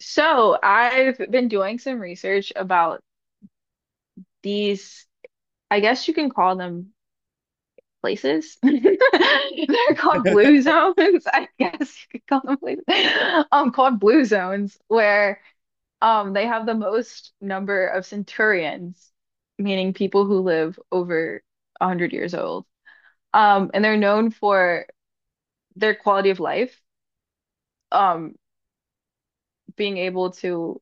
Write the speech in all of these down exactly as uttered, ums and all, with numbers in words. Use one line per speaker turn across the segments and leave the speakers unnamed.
So I've been doing some research about these, I guess you can call them places. They're called blue zones. I guess you could call them places. Um, called blue zones, where um they have the most number of centurions, meaning people who live over one hundred years old. Um, and they're known for their quality of life, um, being able to,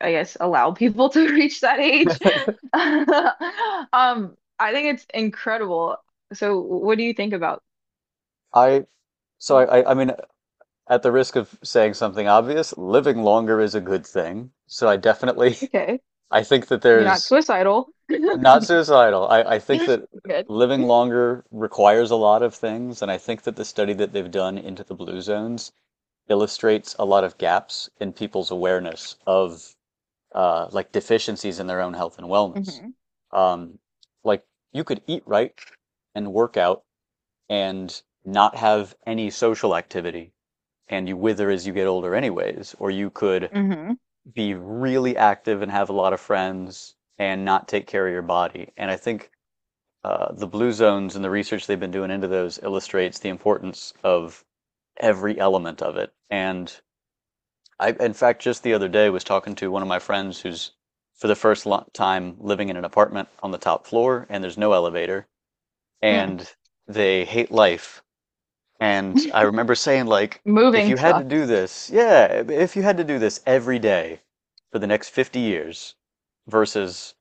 I guess, allow people to reach that age. Um, I think it's incredible. So what do you think about?
I so I, I I mean at the risk of saying something obvious, living longer is a good thing. So I definitely
Okay,
I think that
you're not
there's
suicidal.
not suicidal. I, I think that
Good.
living longer requires a lot of things, and I think that the study that they've done into the blue zones illustrates a lot of gaps in people's awareness of uh, like deficiencies in their own health and wellness.
hmm
Um, like you could eat right and work out and not have any social activity and you wither as you get older, anyways, or you could
hmm
be really active and have a lot of friends and not take care of your body. And I think uh, the blue zones and the research they've been doing into those illustrates the importance of every element of it. And I in fact, just the other day was talking to one of my friends who's for the first time living in an apartment on the top floor, and there's no elevator,
hmm
and they hate life. And I remember saying, like, if you
Moving
had to
sucks.
do this, yeah, if you had to do this every day for the next fifty years versus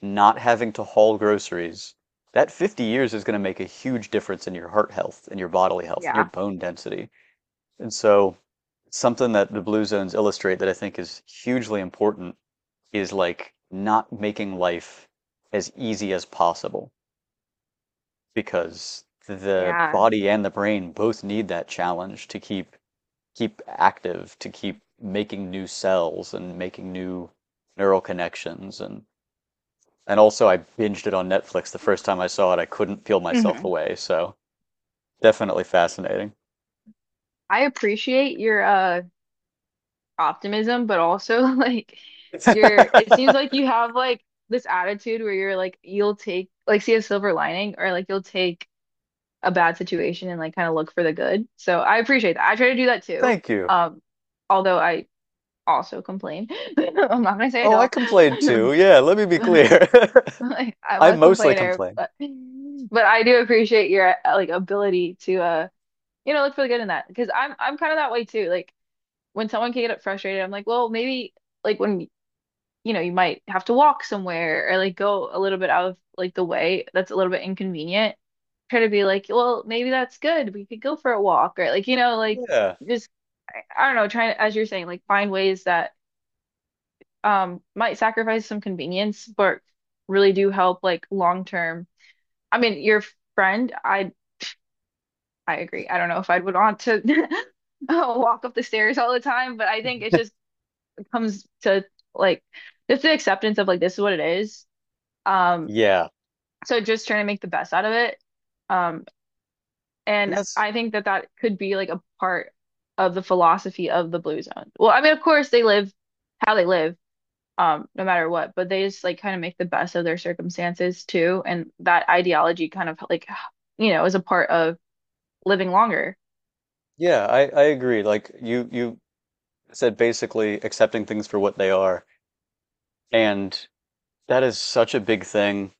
not having to haul groceries, that fifty years is going to make a huge difference in your heart health, in your bodily health, in your
Yeah,
bone density. And so, something that the Blue Zones illustrate that I think is hugely important is like not making life as easy as possible, because the
yeah.
body and the brain both need that challenge to keep keep active, to keep making new cells and making new neural connections. And and also, I binged it on Netflix the first time I saw it. I couldn't peel myself
hmm
away, so definitely fascinating.
I appreciate your uh optimism, but also, like, your it seems like you have like this attitude where you're like, you'll take, like, see a silver lining, or like you'll take a bad situation and like kind of look for the good. So I appreciate that. I try to do that too.
Thank you.
Um, although I also complain. I'm not gonna say I
Oh, I complained
don't.
too. Yeah, let me be clear.
Like, I'm
I
a
mostly
complainer,
complain.
but but I do appreciate your uh, like, ability to uh you know look for the good in that, because I'm I'm kind of that way too. Like, when someone can get frustrated, I'm like, well, maybe, like, when you know, you might have to walk somewhere, or like go a little bit out of like the way that's a little bit inconvenient. Try to be like, well, maybe that's good. We could go for a walk, or like, you know, like,
Yeah.
just, I, I don't know, trying to, as you're saying, like find ways that um might sacrifice some convenience, but really do help like long term. I mean, your friend, I I agree. I don't know if I'd would want to walk up the stairs all the time, but I think it just comes to, like, just the acceptance of like this is what it is. Um,
Yeah.
so just trying to make the best out of it, um
And
and
that's
I think that that could be like a part of the philosophy of the blue zone. Well, I mean, of course they live how they live, um no matter what, but they just like kind of make the best of their circumstances too, and that ideology kind of like you know is a part of living longer.
yeah, I I agree. Like, you you said, basically accepting things for what they are, and that is such a big thing.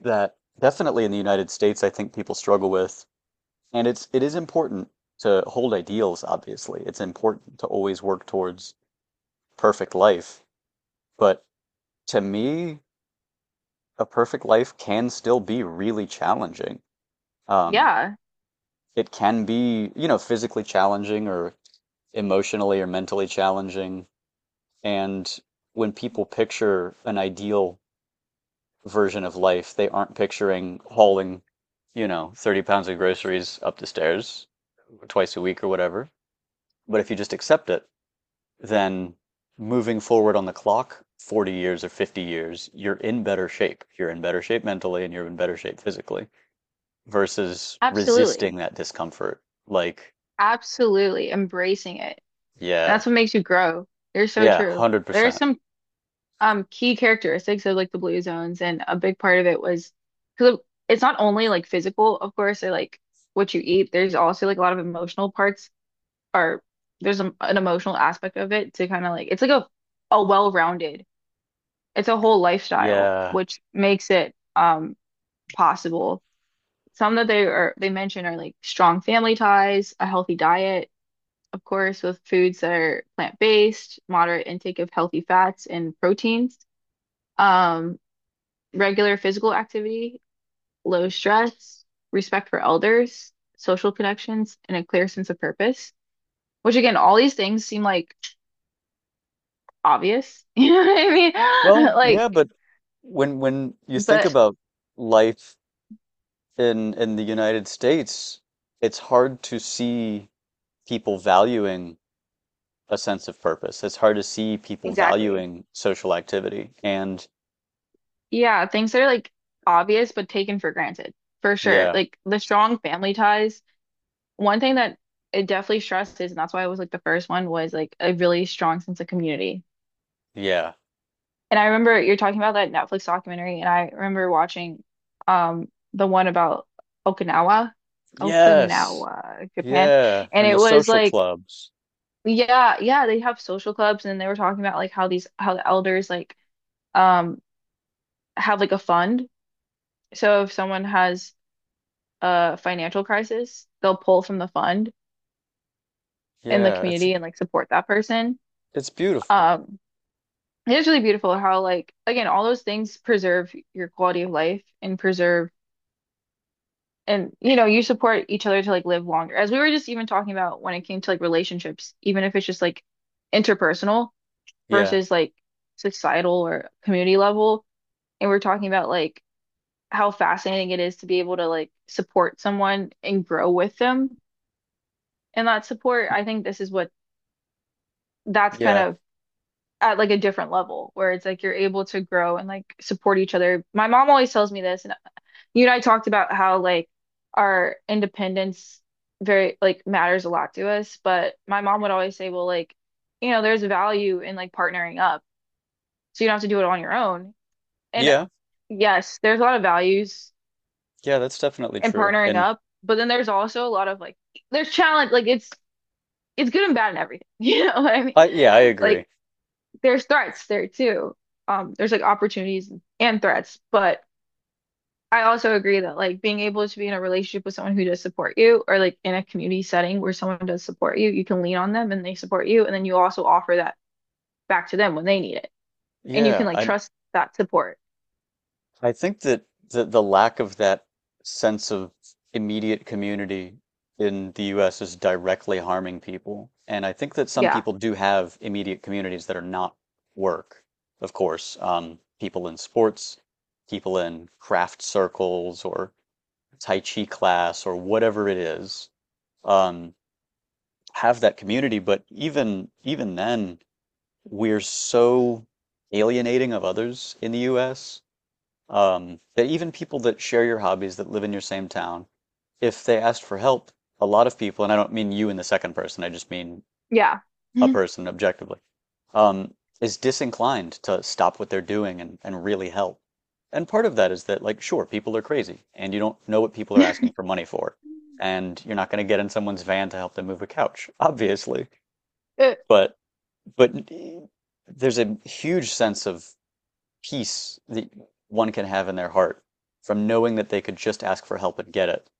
That definitely in the United States, I think people struggle with. And it's it is important to hold ideals, obviously. It's important to always work towards perfect life. But to me, a perfect life can still be really challenging. Um,
Yeah,
it can be, you know, physically challenging or emotionally or mentally challenging. And when people picture an ideal version of life, they aren't picturing hauling, you know, thirty pounds of groceries up the stairs twice a week or whatever. But if you just accept it, then moving forward on the clock, forty years or fifty years, you're in better shape. You're in better shape mentally and you're in better shape physically versus
absolutely.
resisting that discomfort. Like,
Absolutely embracing it, and
yeah,
that's what makes you grow. You're so
yeah,
true. There's
one hundred percent.
some um key characteristics of like the blue zones, and a big part of it was because it's not only like physical of course, or like what you eat. There's also like a lot of emotional parts are there's a, an emotional aspect of it, to kind of like, it's like a a well-rounded, it's a whole lifestyle
Yeah.
which makes it um possible. Some that they are, they mention are like strong family ties, a healthy diet of course with foods that are plant-based, moderate intake of healthy fats and proteins, um regular physical activity, low stress, respect for elders, social connections, and a clear sense of purpose. Which, again, all these things seem like obvious. You know what I mean?
Well,
Like,
yeah, but when when you think
but
about life in in the United States, it's hard to see people valuing a sense of purpose. It's hard to see people
exactly.
valuing social activity. And
Yeah, things that are like obvious but taken for granted, for sure.
yeah,
Like the strong family ties. One thing that it definitely stresses, and that's why it was like the first one, was like a really strong sense of community.
yeah.
And I remember you're talking about that Netflix documentary, and I remember watching um the one about Okinawa,
Yes.
Okinawa, Japan.
Yeah,
And
and
it
the
was
social
like,
clubs.
yeah, yeah, they have social clubs, and they were talking about like how these, how the elders like um have like a fund. So if someone has a financial crisis, they'll pull from the fund in the
Yeah, it's
community and like support that person.
it's beautiful.
Um It is really beautiful how, like, again, all those things preserve your quality of life and preserve, and you know you support each other to like live longer, as we were just even talking about when it came to like relationships. Even if it's just like interpersonal
Yeah.
versus like societal or community level, and we're talking about like how fascinating it is to be able to like support someone and grow with them, and that support, I think this is what, that's kind
Yeah.
of at like a different level where it's like you're able to grow and like support each other. My mom always tells me this, and you and I talked about how like our independence, very like matters a lot to us, but my mom would always say, well, like, you know, there's value in like partnering up. So you don't have to do it on your own. And
Yeah.
yes, there's a lot of values
Yeah, that's definitely
in
true.
partnering
And
up, but then there's also a lot of like, there's challenge, like, it's it's good and bad and everything. You know what I mean?
I yeah, I agree.
Like, there's threats there too. Um, there's like opportunities and threats, but I also agree that like being able to be in a relationship with someone who does support you, or like in a community setting where someone does support you, you can lean on them and they support you, and then you also offer that back to them when they need it. And you can
Yeah,
like
I
trust that support.
I think that the, the lack of that sense of immediate community in the U S is directly harming people. And I think that some
Yeah.
people do have immediate communities that are not work, of course. Um, people in sports, people in craft circles or Tai Chi class or whatever it is, um, have that community. But even even then, we're so alienating of others in the U S, um, that even people that share your hobbies that live in your same town, if they asked for help, a lot of people, and I don't mean you in the second person, I just mean
Yeah.
a person objectively, um, is disinclined to stop what they're doing and, and really help. And part of that is that, like, sure, people are crazy and you don't know what people are asking for money for. And you're not going to get in someone's van to help them move a couch, obviously.
It-
But, but there's a huge sense of peace that one can have in their heart from knowing that they could just ask for help and get it,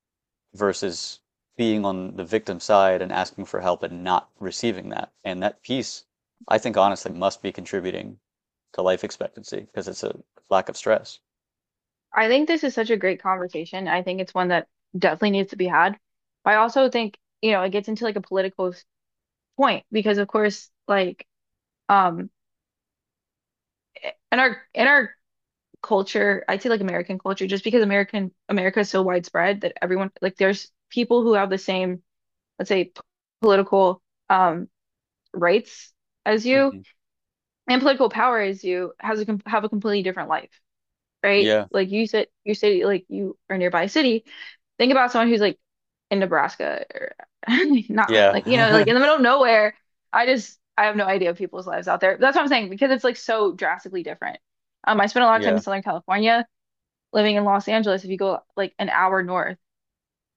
versus being on the victim side and asking for help and not receiving that. And that peace, I think honestly, must be contributing to life expectancy because it's a lack of stress.
I think this is such a great conversation. I think it's one that definitely needs to be had. I also think, you know, it gets into like a political s- point, because of course like um in our, in our culture, I'd say like American culture, just because American, America is so widespread that everyone like, there's people who have the same, let's say, p- political um rights as you
Hmm.
and political power as you, has a com, have a completely different life, right?
Yeah.
Like you said, you say like you are nearby a city. Think about someone who's like in Nebraska, or not,
Yeah.
like, you know, like in the middle of nowhere. I just, I have no idea of people's lives out there. That's what I'm saying, because it's like so drastically different. Um, I spent a lot of time in
Yeah.
Southern California, living in Los Angeles. If you go like an hour north,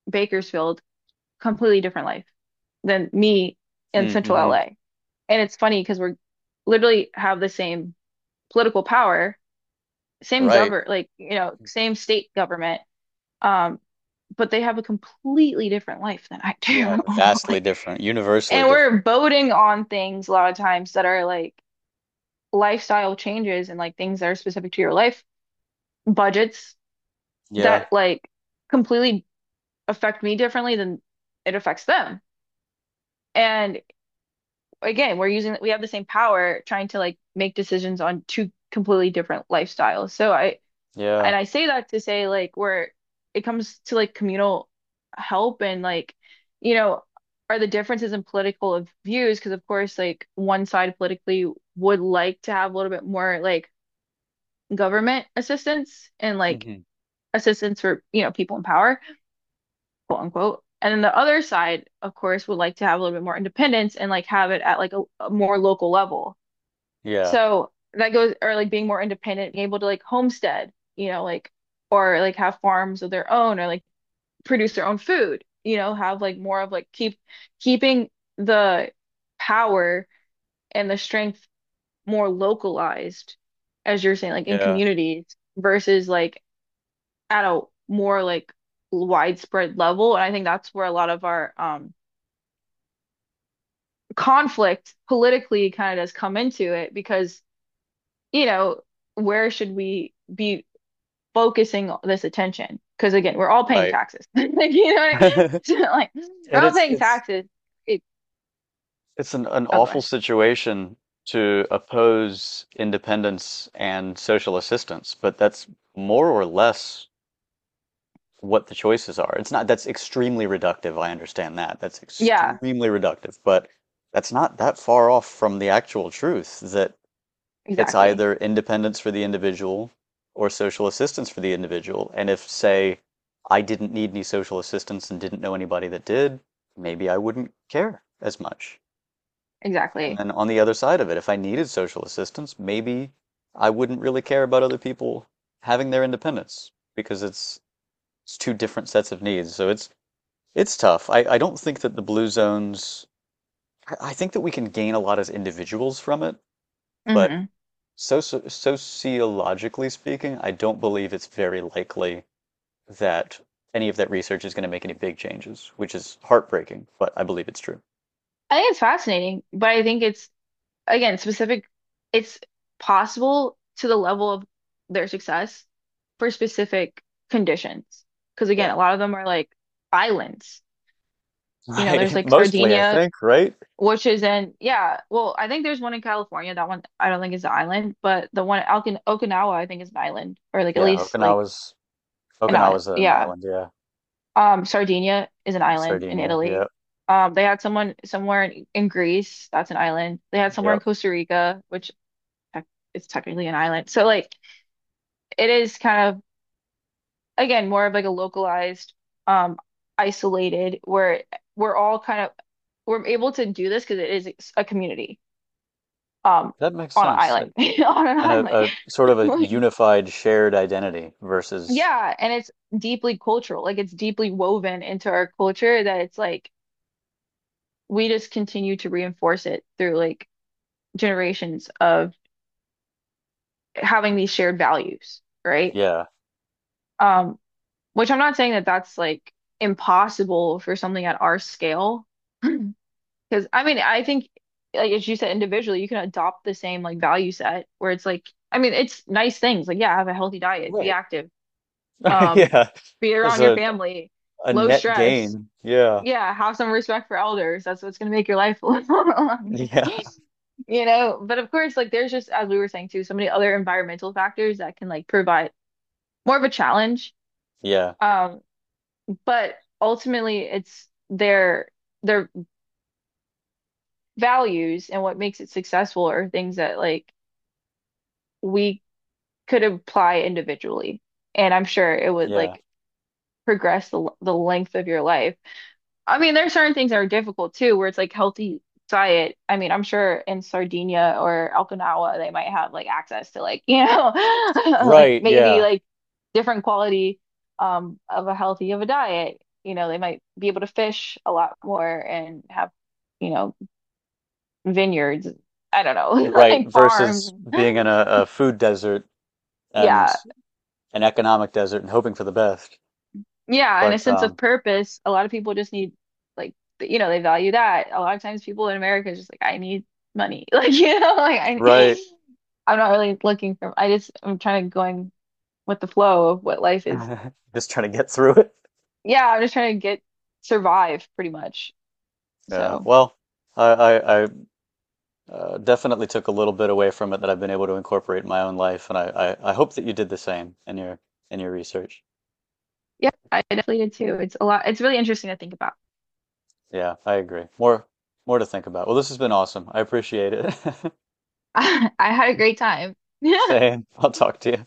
Bakersfield, completely different life than me in central
Mm-hmm.
L A. And it's funny because we're literally have the same political power, same
Right.
govern, like, you know, same state government. Um, but they have a completely different life than I
Yeah.
do.
Vastly
Like,
different, universally
and
different.
we're voting on things a lot of times that are like lifestyle changes and like things that are specific to your life, budgets,
Yeah.
that like completely affect me differently than it affects them. And again, we're using, we have the same power trying to like make decisions on two completely different lifestyles. So I,
Yeah.
and I say that to say like where it comes to like communal help and like, you know, are the differences in political of views, because of course like one side politically would like to have a little bit more like government assistance, and like
Hmm.
assistance for you know people in power, quote unquote. And then the other side, of course, would like to have a little bit more independence and like have it at like a, a more local level.
Yeah.
So that goes, or like being more independent, being able to like homestead, you know, like, or like have farms of their own, or like produce their own food, you know, have like more of like keep, keeping the power and the strength more localized, as you're saying, like in
Yeah.
communities versus like at a more like widespread level. And I think that's where a lot of our um conflict politically kind of does come into it, because, you know, where should we be focusing this attention? Because again, we're all paying
Right.
taxes. Like, you know, what I- mean? So, like, we're
And
all
it's
paying
it's
taxes. It,
it's an, an
oh, go
awful
ahead.
situation to oppose independence and social assistance, but that's more or less what the choices are. It's not, that's extremely reductive. I understand that. That's
Yeah,
extremely reductive, but that's not that far off from the actual truth that it's
exactly.
either independence for the individual or social assistance for the individual. And if, say, I didn't need any social assistance and didn't know anybody that did, maybe I wouldn't care as much. And
Exactly.
then on the other side of it, if I needed social assistance, maybe I wouldn't really care about other people having their independence, because it's it's two different sets of needs. So it's it's tough. I, I don't think that the blue zones, I, I think that we can gain a lot as individuals from it, but
hmm
soci sociologically speaking, I don't believe it's very likely that any of that research is going to make any big changes, which is heartbreaking, but I believe it's true.
I think it's fascinating, but I think it's, again, specific. It's possible to the level of their success for specific conditions. Because again,
Yeah.
a lot of them are like islands. You know, there's
Right.
like
Mostly, I
Sardinia,
think, right?
which is in, yeah, well, I think there's one in California. That one I don't think is an island, but the one in Okin, Okinawa, I think, is an island, or like at
Yeah,
least like
Okinawa's
an island.
Okinawa's an
Yeah.
island, yeah.
Um, Sardinia is an island in
Sardinia,
Italy.
yep,
Um, they had someone somewhere in, in Greece, that's an island. They had somewhere
yep.
in Costa Rica, which tec, is technically an island. So like, it is kind of, again, more of like a localized, um, isolated, where we're all kind of, we're able to do this because it is a community. um
That makes
on an
sense.
island
It-
on an
And a,
island.
a sort of a
Like,
unified shared identity versus,
yeah, and it's deeply cultural, like it's deeply woven into our culture, that it's like we just continue to reinforce it through like generations of having these shared values, right?
yeah,
um which I'm not saying that that's like impossible for something at our scale, because I mean I think like as you said, individually you can adopt the same like value set, where it's like, I mean, it's nice things like, yeah, have a healthy diet, be
right.
active. Um,
Yeah.
be
There's
around your
a
family,
a
low
net
stress.
gain. Yeah.
Yeah, have some respect for elders. That's what's gonna make your life a little longer.
Yeah.
You know, but of course, like there's, just as we were saying too, so many other environmental factors that can like provide more of a challenge.
Yeah.
Um, but ultimately it's their their values and what makes it successful are things that like we could apply individually. And I'm sure it would
Yeah.
like progress the the length of your life. I mean, there's certain things that are difficult too, where it's like healthy diet. I mean, I'm sure in Sardinia or Okinawa, they might have like access to like, you know, like
Right,
maybe
yeah.
like different quality um of a healthy, of a diet. You know, they might be able to fish a lot more and have, you know, vineyards. I don't know,
Right.
like
Versus
farms.
being in a, a food desert and
Yeah.
an economic desert and hoping for the best.
Yeah, and a
But
sense of
um
purpose. A lot of people just need, like, th- you know, they value that. A lot of times people in America is just like, I need money. Like, you know, like, I,
right.
I'm not really looking for, I just, I'm trying to going with the flow of what life is.
Just trying to get through it.
Yeah, I'm just trying to get, survive pretty much.
Yeah.
So,
Well, I, I, I Uh, definitely took a little bit away from it that I've been able to incorporate in my own life, and I, I, I hope that you did the same in your in your research.
yeah, I definitely did too. It's a lot, it's really interesting to think about.
Yeah, I agree. More more to think about. Well, this has been awesome. I appreciate it.
I had a great time.
Same. I'll talk to you.